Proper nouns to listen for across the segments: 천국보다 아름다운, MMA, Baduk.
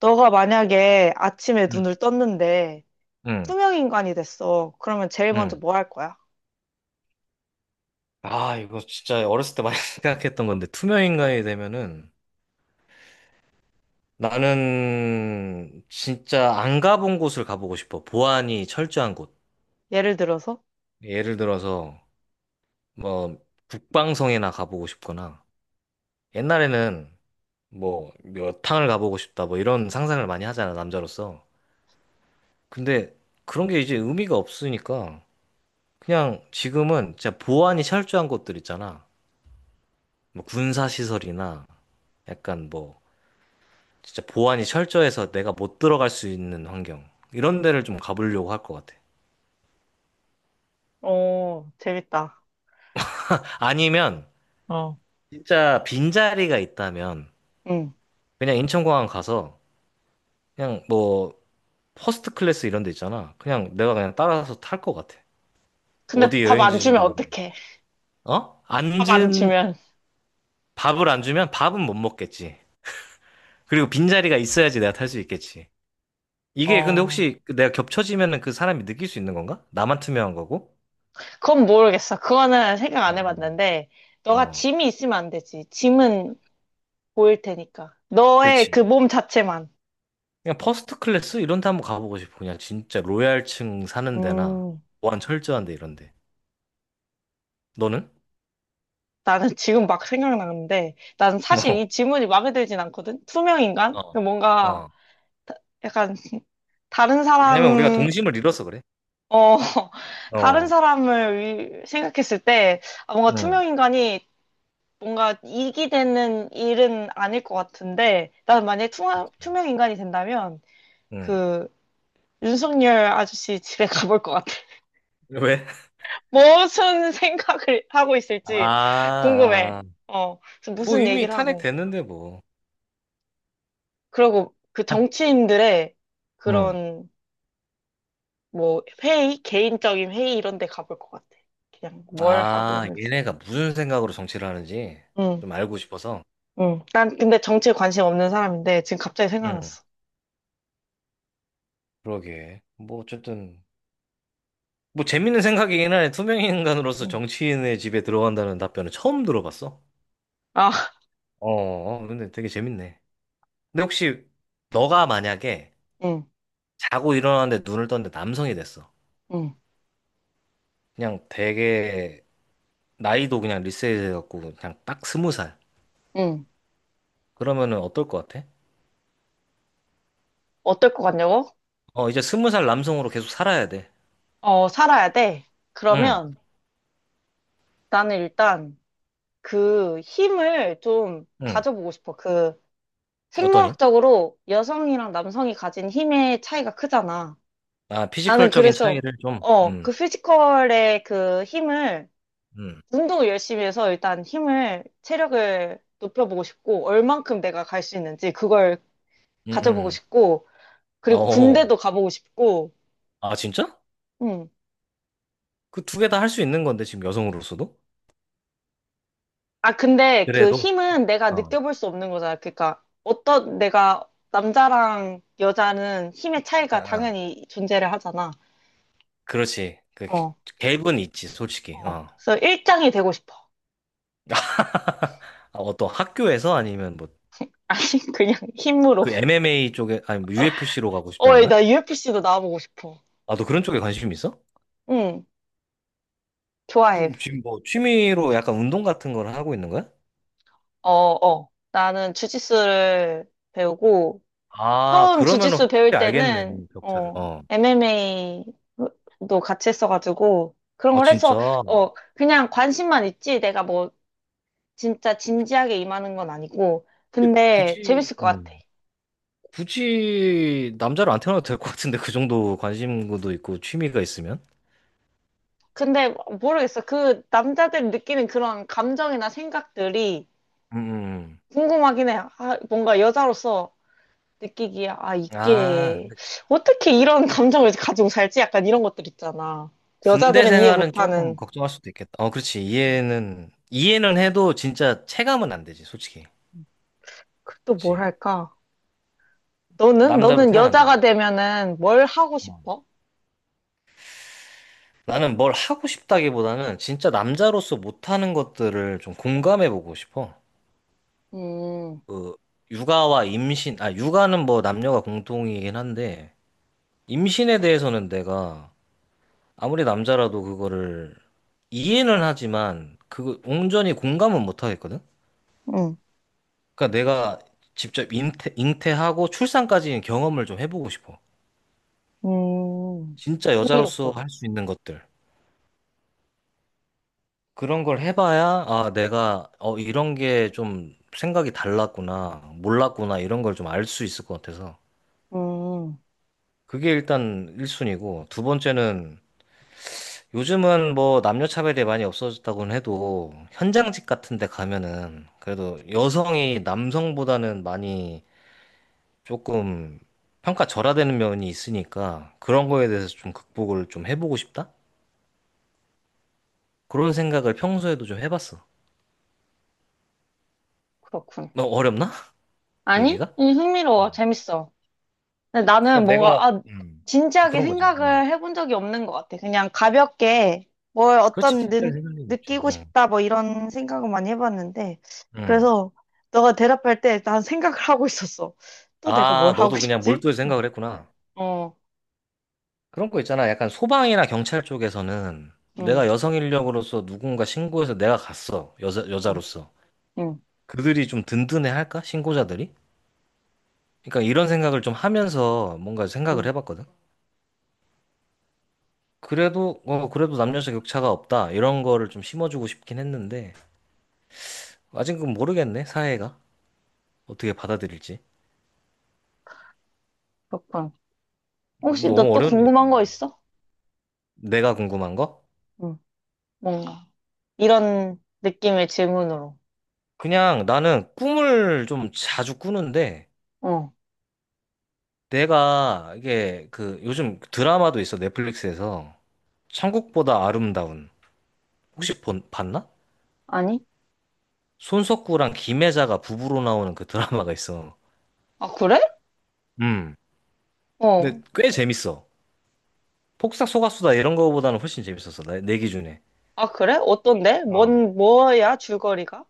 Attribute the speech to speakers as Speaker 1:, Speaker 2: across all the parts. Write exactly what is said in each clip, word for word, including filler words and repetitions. Speaker 1: 너가 만약에 아침에
Speaker 2: 음,
Speaker 1: 눈을 떴는데
Speaker 2: 음,
Speaker 1: 투명인간이 됐어. 그러면 제일 먼저
Speaker 2: 음.
Speaker 1: 뭐 할 거야?
Speaker 2: 아, 이거 진짜 어렸을 때 많이 생각했던 건데, 투명인간이 되면은 나는 진짜 안 가본 곳을 가보고 싶어. 보안이 철저한 곳.
Speaker 1: 예를 들어서?
Speaker 2: 예를 들어서 뭐 북방성이나 가보고 싶거나 옛날에는 뭐 여탕을 가보고 싶다 뭐 이런 상상을 많이 하잖아, 남자로서. 근데 그런 게 이제 의미가 없으니까 그냥 지금은 진짜 보안이 철저한 곳들 있잖아. 뭐 군사시설이나 약간 뭐 진짜 보안이 철저해서 내가 못 들어갈 수 있는 환경. 이런 데를 좀 가보려고 할 것 같아.
Speaker 1: 오, 재밌다.
Speaker 2: 아니면
Speaker 1: 어,
Speaker 2: 진짜 빈자리가 있다면
Speaker 1: 응.
Speaker 2: 그냥 인천공항 가서 그냥 뭐 퍼스트 클래스 이런 데 있잖아. 그냥 내가 그냥 따라서 탈 것 같아.
Speaker 1: 근데
Speaker 2: 어디
Speaker 1: 밥 안 주면
Speaker 2: 여행지지도 모르
Speaker 1: 어떡해?
Speaker 2: 어?
Speaker 1: 밥 안
Speaker 2: 앉은
Speaker 1: 주면.
Speaker 2: 밥을 안 주면 밥은 못 먹겠지. 그리고 빈자리가 있어야지 내가 탈 수 있겠지. 이게 근데
Speaker 1: 어,
Speaker 2: 혹시 내가 겹쳐지면은 그 사람이 느낄 수 있는 건가? 나만 투명한 거고?
Speaker 1: 그건 모르겠어. 그거는 생각
Speaker 2: 어,
Speaker 1: 안
Speaker 2: 어.
Speaker 1: 해봤는데, 너가
Speaker 2: 어,
Speaker 1: 짐이 있으면 안 되지. 짐은 보일 테니까. 너의 그
Speaker 2: 그렇지.
Speaker 1: 몸 자체만.
Speaker 2: 그냥 퍼스트 클래스 이런 데 한번 가보고 싶어. 그냥 진짜 로얄층 사는 데나
Speaker 1: 음,
Speaker 2: 보안 철저한 데 이런 데. 너는?
Speaker 1: 나는 지금 막 생각나는데, 난 사실 이 질문이 마음에 들진 않거든?
Speaker 2: 어.
Speaker 1: 투명인간?
Speaker 2: 어.
Speaker 1: 뭔가
Speaker 2: 어.
Speaker 1: 약간 다른
Speaker 2: 왜냐면 우리가
Speaker 1: 사람,
Speaker 2: 동심을 잃어서 그래.
Speaker 1: 어, 다른
Speaker 2: 어.
Speaker 1: 사람을 위- 생각했을 때 아, 뭔가
Speaker 2: 응.
Speaker 1: 투명 인간이 뭔가 이익이 되는 일은 아닐 것 같은데, 난 만약에 투명,
Speaker 2: 그치.
Speaker 1: 투명 인간이 된다면
Speaker 2: 응.
Speaker 1: 그 윤석열 아저씨 집에 가볼 것 같아.
Speaker 2: 왜?
Speaker 1: 무슨 생각을 하고 있을지
Speaker 2: 아,
Speaker 1: 궁금해.
Speaker 2: 아.
Speaker 1: 어, 그래서
Speaker 2: 뭐
Speaker 1: 무슨
Speaker 2: 이미
Speaker 1: 얘기를 하고.
Speaker 2: 탄핵됐는데 뭐.
Speaker 1: 그리고 그
Speaker 2: 한.
Speaker 1: 정치인들의
Speaker 2: 응.
Speaker 1: 그런 뭐 회의, 개인적인 회의 이런 데 가볼 것 같아. 그냥 뭘 하고
Speaker 2: 아,
Speaker 1: 있는지.
Speaker 2: 얘네가 무슨 생각으로 정치를 하는지
Speaker 1: 응,
Speaker 2: 좀 알고 싶어서.
Speaker 1: 응. 난 근데 정치에 관심 없는 사람인데 지금 갑자기
Speaker 2: 응.
Speaker 1: 생각났어.
Speaker 2: 그러게. 뭐 어쨌든 뭐 재밌는 생각이긴 하네. 투명 인간으로서
Speaker 1: 응,
Speaker 2: 정치인의 집에 들어간다는 답변은 처음 들어봤어.
Speaker 1: 아,
Speaker 2: 어, 어, 근데 되게 재밌네. 근데 혹시 너가 만약에
Speaker 1: 응,
Speaker 2: 자고 일어나는데 눈을 떴는데 남성이 됐어.
Speaker 1: 응,
Speaker 2: 그냥 되게 나이도 그냥 리셋해갖고 그냥 딱 스무 살.
Speaker 1: 응.
Speaker 2: 그러면은 어떨 것 같아?
Speaker 1: 어떨 것 같냐고?
Speaker 2: 어, 이제 스무 살 남성으로 계속 살아야 돼.
Speaker 1: 어, 살아야 돼.
Speaker 2: 응,
Speaker 1: 그러면 나는 일단 그 힘을 좀
Speaker 2: 응.
Speaker 1: 가져보고 싶어. 그
Speaker 2: 어떠니?
Speaker 1: 생물학적으로 여성이랑 남성이 가진 힘의 차이가 크잖아.
Speaker 2: 아,
Speaker 1: 나는
Speaker 2: 피지컬적인
Speaker 1: 그래서,
Speaker 2: 차이를 좀,
Speaker 1: 어,
Speaker 2: 음,
Speaker 1: 그 피지컬의 그 힘을
Speaker 2: 음,
Speaker 1: 운동을 열심히 해서 일단 힘을, 체력을 높여보고 싶고, 얼만큼 내가 갈 수 있는지 그걸
Speaker 2: 음,
Speaker 1: 가져보고
Speaker 2: 음.
Speaker 1: 싶고,
Speaker 2: 음.
Speaker 1: 그리고
Speaker 2: 어,
Speaker 1: 군대도 가보고 싶고,
Speaker 2: 아, 진짜?
Speaker 1: 음.
Speaker 2: 그 두 개 다 할 수 있는 건데, 지금 여성으로서도?
Speaker 1: 아, 근데 그
Speaker 2: 그래도?
Speaker 1: 힘은 내가
Speaker 2: 어.
Speaker 1: 느껴볼 수 없는 거잖아. 그러니까 어떤 내가 남자랑 여자는 힘의
Speaker 2: 아,
Speaker 1: 차이가
Speaker 2: 아.
Speaker 1: 당연히 존재를 하잖아.
Speaker 2: 그렇지. 그
Speaker 1: 어,
Speaker 2: 갭은 있지, 솔직히.
Speaker 1: 어.
Speaker 2: 어.
Speaker 1: 그래서 일장이 되고 싶어.
Speaker 2: 아, 어떤 학교에서 아니면 뭐
Speaker 1: 아니, 그냥 힘으로.
Speaker 2: 그 엠엠에이 쪽에 아니 뭐 유에프씨로 가고
Speaker 1: 어,
Speaker 2: 싶다는 거야?
Speaker 1: 나 유에프씨도 나와보고 싶어.
Speaker 2: 아, 너 그런 쪽에 관심 있어?
Speaker 1: 응, 좋아해.
Speaker 2: 그럼 지금 뭐 취미로 약간 운동 같은 걸 하고 있는 거야?
Speaker 1: 어, 어. 나는 주짓수를 배우고,
Speaker 2: 아,
Speaker 1: 처음
Speaker 2: 그러면은
Speaker 1: 주짓수 배울
Speaker 2: 확실히 알겠네,
Speaker 1: 때는,
Speaker 2: 격차를.
Speaker 1: 어,
Speaker 2: 어.
Speaker 1: 엠엠에이도 같이 했어가지고, 그런
Speaker 2: 아,
Speaker 1: 걸 해서,
Speaker 2: 진짜.
Speaker 1: 어, 그냥 관심만 있지. 내가 뭐, 진짜 진지하게 임하는 건 아니고.
Speaker 2: 근데
Speaker 1: 근데,
Speaker 2: 굳이
Speaker 1: 재밌을 것 같아.
Speaker 2: 음, 굳이 남자로 안 태어나도 될 것 같은데 그 정도 관심도 있고 취미가 있으면?
Speaker 1: 근데, 모르겠어. 그, 남자들이 느끼는 그런 감정이나 생각들이
Speaker 2: 음. 음.
Speaker 1: 궁금하긴 해. 아, 뭔가 여자로서 느끼기에, 아,
Speaker 2: 아,
Speaker 1: 이게,
Speaker 2: 근데
Speaker 1: 어떻게 이런 감정을 가지고 살지? 약간 이런 것들 있잖아.
Speaker 2: 군대
Speaker 1: 여자들은 이해
Speaker 2: 생활은 조금
Speaker 1: 못하는,
Speaker 2: 걱정할 수도 있겠다. 어, 그렇지. 이해는 이해는 해도 진짜 체감은 안 되지, 솔직히.
Speaker 1: 그 또 뭘
Speaker 2: 그치.
Speaker 1: 할까? 너는?
Speaker 2: 남자로
Speaker 1: 너는 여자가
Speaker 2: 태어난다면.
Speaker 1: 되면은 뭘 하고 싶어?
Speaker 2: 나는 뭘 하고 싶다기보다는 진짜 남자로서 못하는 것들을 좀 공감해보고 싶어.
Speaker 1: 음,
Speaker 2: 그, 육아와 임신, 아, 육아는 뭐 남녀가 공통이긴 한데, 임신에 대해서는 내가 아무리 남자라도 그거를 이해는 하지만, 그거 온전히 공감은 못하겠거든?
Speaker 1: 응,
Speaker 2: 그러니까 내가 직접 잉태, 잉태하고 출산까지 경험을 좀 해보고 싶어.
Speaker 1: 음,
Speaker 2: 진짜 여자로서
Speaker 1: 흥미롭군.
Speaker 2: 할 수 있는 것들. 그런 걸 해봐야, 아, 내가, 어, 이런 게 좀 생각이 달랐구나, 몰랐구나, 이런 걸 좀 알 수 있을 것 같아서.
Speaker 1: 음,
Speaker 2: 그게 일단 1순위고, 두 번째는, 요즘은 뭐 남녀 차별이 많이 없어졌다고는 해도, 현장직 같은 데 가면은, 그래도 여성이 남성보다는 많이 조금 평가 절하되는 면이 있으니까, 그런 거에 대해서 좀 극복을 좀 해보고 싶다? 그런 생각을 평소에도 좀 해봤어.
Speaker 1: 그렇군.
Speaker 2: 너 어렵나?
Speaker 1: 아니?
Speaker 2: 얘기가?
Speaker 1: 이 흥미로워. 재밌어. 근데 나는
Speaker 2: 그러니까 내가
Speaker 1: 뭔가, 아,
Speaker 2: 음,
Speaker 1: 진지하게
Speaker 2: 그런 거지. 음.
Speaker 1: 생각을 해본 적이 없는 것 같아. 그냥 가볍게 뭘
Speaker 2: 그렇지,
Speaker 1: 어떤
Speaker 2: 진짜
Speaker 1: 느,
Speaker 2: 생각이 없지
Speaker 1: 느끼고
Speaker 2: 음.
Speaker 1: 싶다 뭐 이런 생각을 많이 해봤는데
Speaker 2: 음.
Speaker 1: 그래서 너가 대답할 때 난 생각을 하고 있었어. 또 내가 뭘
Speaker 2: 아,
Speaker 1: 하고
Speaker 2: 너도 그냥
Speaker 1: 싶지?
Speaker 2: 몰두해
Speaker 1: 응.
Speaker 2: 생각을 했구나.
Speaker 1: 어,
Speaker 2: 그런 거 있잖아. 약간 소방이나 경찰 쪽에서는
Speaker 1: 응,
Speaker 2: 내가 여성 인력으로서 누군가 신고해서 내가 갔어. 여자,
Speaker 1: 응,
Speaker 2: 여자로서.
Speaker 1: 응,
Speaker 2: 그들이 좀 든든해 할까? 신고자들이? 그러니까 이런 생각을 좀 하면서 뭔가 생각을
Speaker 1: 응,
Speaker 2: 해봤거든. 그래도, 어, 그래도 남녀 격차가 없다. 이런 거를 좀 심어주고 싶긴 했는데, 아직은 모르겠네, 사회가. 어떻게 받아들일지.
Speaker 1: 그렇군. 혹시 너
Speaker 2: 너무
Speaker 1: 또
Speaker 2: 어려운 얘기.
Speaker 1: 궁금한 거 있어?
Speaker 2: 내가 궁금한 거?
Speaker 1: 응, 뭔가. 이런 느낌의 질문으로.
Speaker 2: 그냥 나는 꿈을 좀 자주 꾸는데
Speaker 1: 어,
Speaker 2: 내가 이게 그 요즘 드라마도 있어 넷플릭스에서 천국보다 아름다운 혹시 본, 봤나?
Speaker 1: 아니?
Speaker 2: 손석구랑 김혜자가 부부로 나오는 그 드라마가 있어.
Speaker 1: 아, 그래?
Speaker 2: 음.
Speaker 1: 어,
Speaker 2: 근데 꽤 재밌어. 폭삭 속았수다 이런 거보다는 훨씬 재밌었어. 내, 내 기준에.
Speaker 1: 아, 그래? 어떤데?
Speaker 2: 어.
Speaker 1: 뭔, 뭐야, 줄거리가?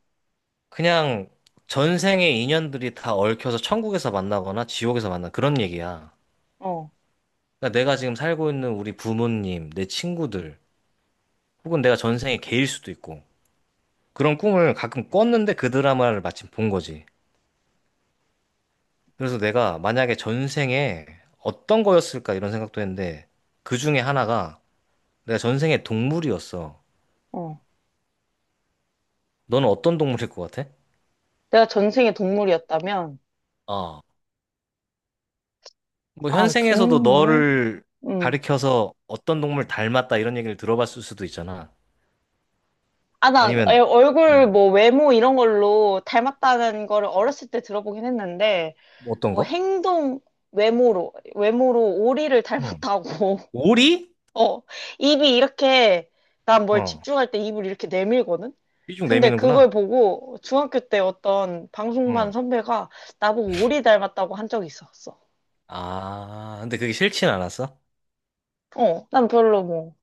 Speaker 2: 그냥 전생의 인연들이 다 얽혀서 천국에서 만나거나 지옥에서 만나 그런 얘기야.
Speaker 1: 어,
Speaker 2: 그러니까 내가 지금 살고 있는 우리 부모님, 내 친구들 혹은 내가 전생에 개일 수도 있고 그런 꿈을 가끔 꿨는데 그 드라마를 마침 본 거지. 그래서 내가 만약에 전생에 어떤 거였을까 이런 생각도 했는데 그 중에 하나가 내가 전생에 동물이었어.
Speaker 1: 어.
Speaker 2: 너는 어떤 동물일 것 같아?
Speaker 1: 내가 전생에 동물이었다면,
Speaker 2: 어. 뭐
Speaker 1: 아,
Speaker 2: 현생에서도
Speaker 1: 동물?
Speaker 2: 너를
Speaker 1: 응.
Speaker 2: 가리켜서 어떤 동물 닮았다 이런 얘기를 들어봤을 수도 있잖아.
Speaker 1: 아, 난
Speaker 2: 아니면
Speaker 1: 애- 얼굴,
Speaker 2: 음.
Speaker 1: 뭐, 외모 이런 걸로 닮았다는 거를 어렸을 때 들어보긴 했는데,
Speaker 2: 뭐 어떤
Speaker 1: 뭐,
Speaker 2: 거?
Speaker 1: 행동, 외모로, 외모로 오리를
Speaker 2: 어.
Speaker 1: 닮았다고.
Speaker 2: 오리?
Speaker 1: 어, 입이 이렇게, 난 뭘
Speaker 2: 어.
Speaker 1: 집중할 때 입을 이렇게 내밀거든?
Speaker 2: 삐죽
Speaker 1: 근데
Speaker 2: 내미는구나.
Speaker 1: 그걸 보고 중학교 때 어떤 방송반
Speaker 2: 응.
Speaker 1: 선배가 나보고 오리 닮았다고 한 적이 있었어.
Speaker 2: 아, 근데 그게 싫진 않았어?
Speaker 1: 어, 난 별로 뭐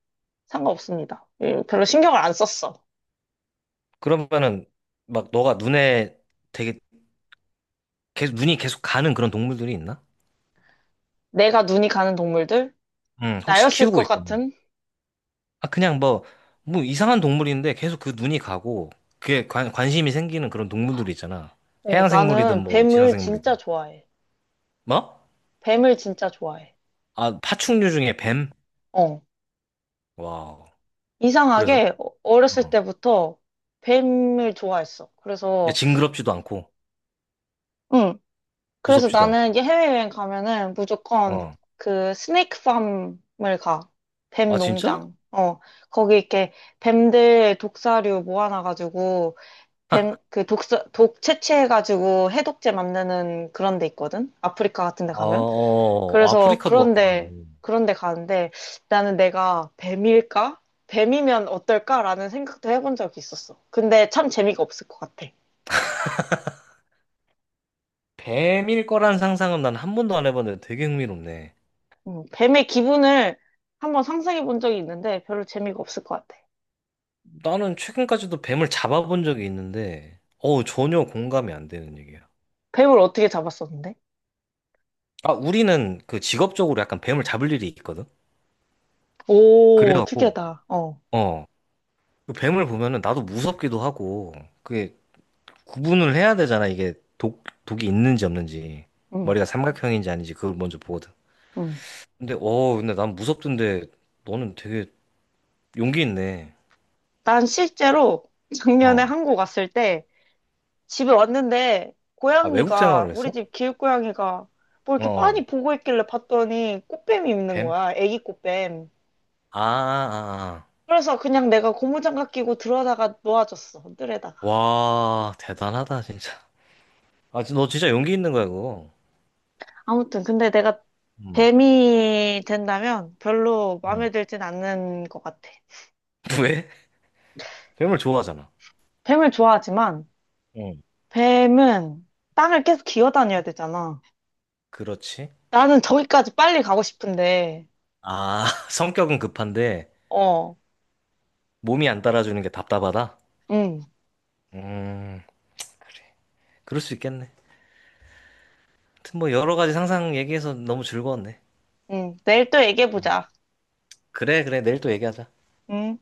Speaker 1: 상관없습니다. 예, 별로 신경을 안 썼어.
Speaker 2: 그러면은 막 너가 눈에 되게 계속 눈이 계속 가는 그런 동물들이 있나?
Speaker 1: 내가 눈이 가는 동물들?
Speaker 2: 응, 혹시
Speaker 1: 나였을
Speaker 2: 키우고
Speaker 1: 것
Speaker 2: 있거나.
Speaker 1: 같은?
Speaker 2: 아, 그냥 뭐, 뭐 이상한 동물인데 계속 그 눈이 가고 그게 관, 관심이 생기는 그런 동물들이 있잖아.
Speaker 1: 어,
Speaker 2: 해양 생물이든
Speaker 1: 나는
Speaker 2: 뭐 지상
Speaker 1: 뱀을 진짜
Speaker 2: 생물이든.
Speaker 1: 좋아해.
Speaker 2: 뭐?
Speaker 1: 뱀을 진짜 좋아해.
Speaker 2: 아, 파충류 중에 뱀?
Speaker 1: 어,
Speaker 2: 와우. 그래서?
Speaker 1: 이상하게 어- 어렸을
Speaker 2: 어.
Speaker 1: 때부터 뱀을 좋아했어.
Speaker 2: 야,
Speaker 1: 그래서
Speaker 2: 징그럽지도 않고
Speaker 1: 응, 그래서
Speaker 2: 무섭지도 않고.
Speaker 1: 나는 이제 해외여행 가면은 무조건
Speaker 2: 어.
Speaker 1: 그 스네이크 팜을 가. 뱀
Speaker 2: 아, 진짜?
Speaker 1: 농장. 어, 거기 이렇게 뱀들 독사류 모아놔가지고, 뱀, 그 독사, 독 채취해가지고 해독제 만드는 그런 데 있거든? 아프리카 같은
Speaker 2: 아,
Speaker 1: 데 가면?
Speaker 2: 어,
Speaker 1: 그래서
Speaker 2: 아프리카도 왔구나.
Speaker 1: 그런데,
Speaker 2: 음.
Speaker 1: 그런데 가는데 나는 내가 뱀일까? 뱀이면 어떨까라는 생각도 해본 적이 있었어. 근데 참 재미가 없을 것 같아.
Speaker 2: 뱀일 거란 상상은 난 한 번도 안 해봤는데 되게 흥미롭네.
Speaker 1: 음, 뱀의 기분을 한번 상상해 본 적이 있는데 별로 재미가 없을 것 같아.
Speaker 2: 나는 최근까지도 뱀을 잡아본 적이 있는데, 어우, 전혀 공감이 안 되는 얘기야.
Speaker 1: 뱀을 어떻게 잡았었는데?
Speaker 2: 아, 우리는 그 직업적으로 약간 뱀을 잡을 일이 있거든?
Speaker 1: 오,
Speaker 2: 그래갖고,
Speaker 1: 특이하다. 어.
Speaker 2: 어, 그 뱀을 보면은 나도 무섭기도 하고, 그게 구분을 해야 되잖아, 이게 독, 독이 있는지 없는지.
Speaker 1: 응,
Speaker 2: 머리가 삼각형인지 아닌지 그걸 먼저 보거든.
Speaker 1: 응.
Speaker 2: 근데, 어, 근데 난 무섭던데, 너는 되게 용기 있네.
Speaker 1: 난 실제로 작년에
Speaker 2: 어.
Speaker 1: 한국 왔을 때 집에 왔는데
Speaker 2: 아, 외국
Speaker 1: 고양이가
Speaker 2: 생활을
Speaker 1: 우리
Speaker 2: 했어?
Speaker 1: 집 길고양이가 뭐
Speaker 2: 어.
Speaker 1: 이렇게
Speaker 2: 어.
Speaker 1: 빤히 보고 있길래 봤더니 꽃뱀이 있는
Speaker 2: 뱀?
Speaker 1: 거야. 애기 꽃뱀.
Speaker 2: 아, 아, 아.
Speaker 1: 그래서 그냥 내가 고무장갑 끼고 들어다가 놓아줬어. 뜰에다.
Speaker 2: 와, 대단하다, 진짜. 아, 너 진짜 용기 있는 거야, 그거.
Speaker 1: 아무튼 근데 내가
Speaker 2: 응,
Speaker 1: 뱀이 된다면 별로
Speaker 2: 응,
Speaker 1: 마음에 들진 않는 것 같아.
Speaker 2: 왜? 괴물 좋아하잖아.
Speaker 1: 뱀을 좋아하지만
Speaker 2: 응.
Speaker 1: 뱀은 땅을 계속 기어다녀야 되잖아.
Speaker 2: 그렇지.
Speaker 1: 나는 저기까지 빨리 가고 싶은데,
Speaker 2: 아, 성격은 급한데
Speaker 1: 어,
Speaker 2: 몸이 안 따라주는 게 답답하다?
Speaker 1: 응,
Speaker 2: 음, 그럴 수 있겠네. 하여튼 뭐 여러 가지 상상 얘기해서 너무 즐거웠네.
Speaker 1: 응. 내일 또 얘기해보자.
Speaker 2: 그래, 그래. 내일 또 얘기하자.
Speaker 1: 응.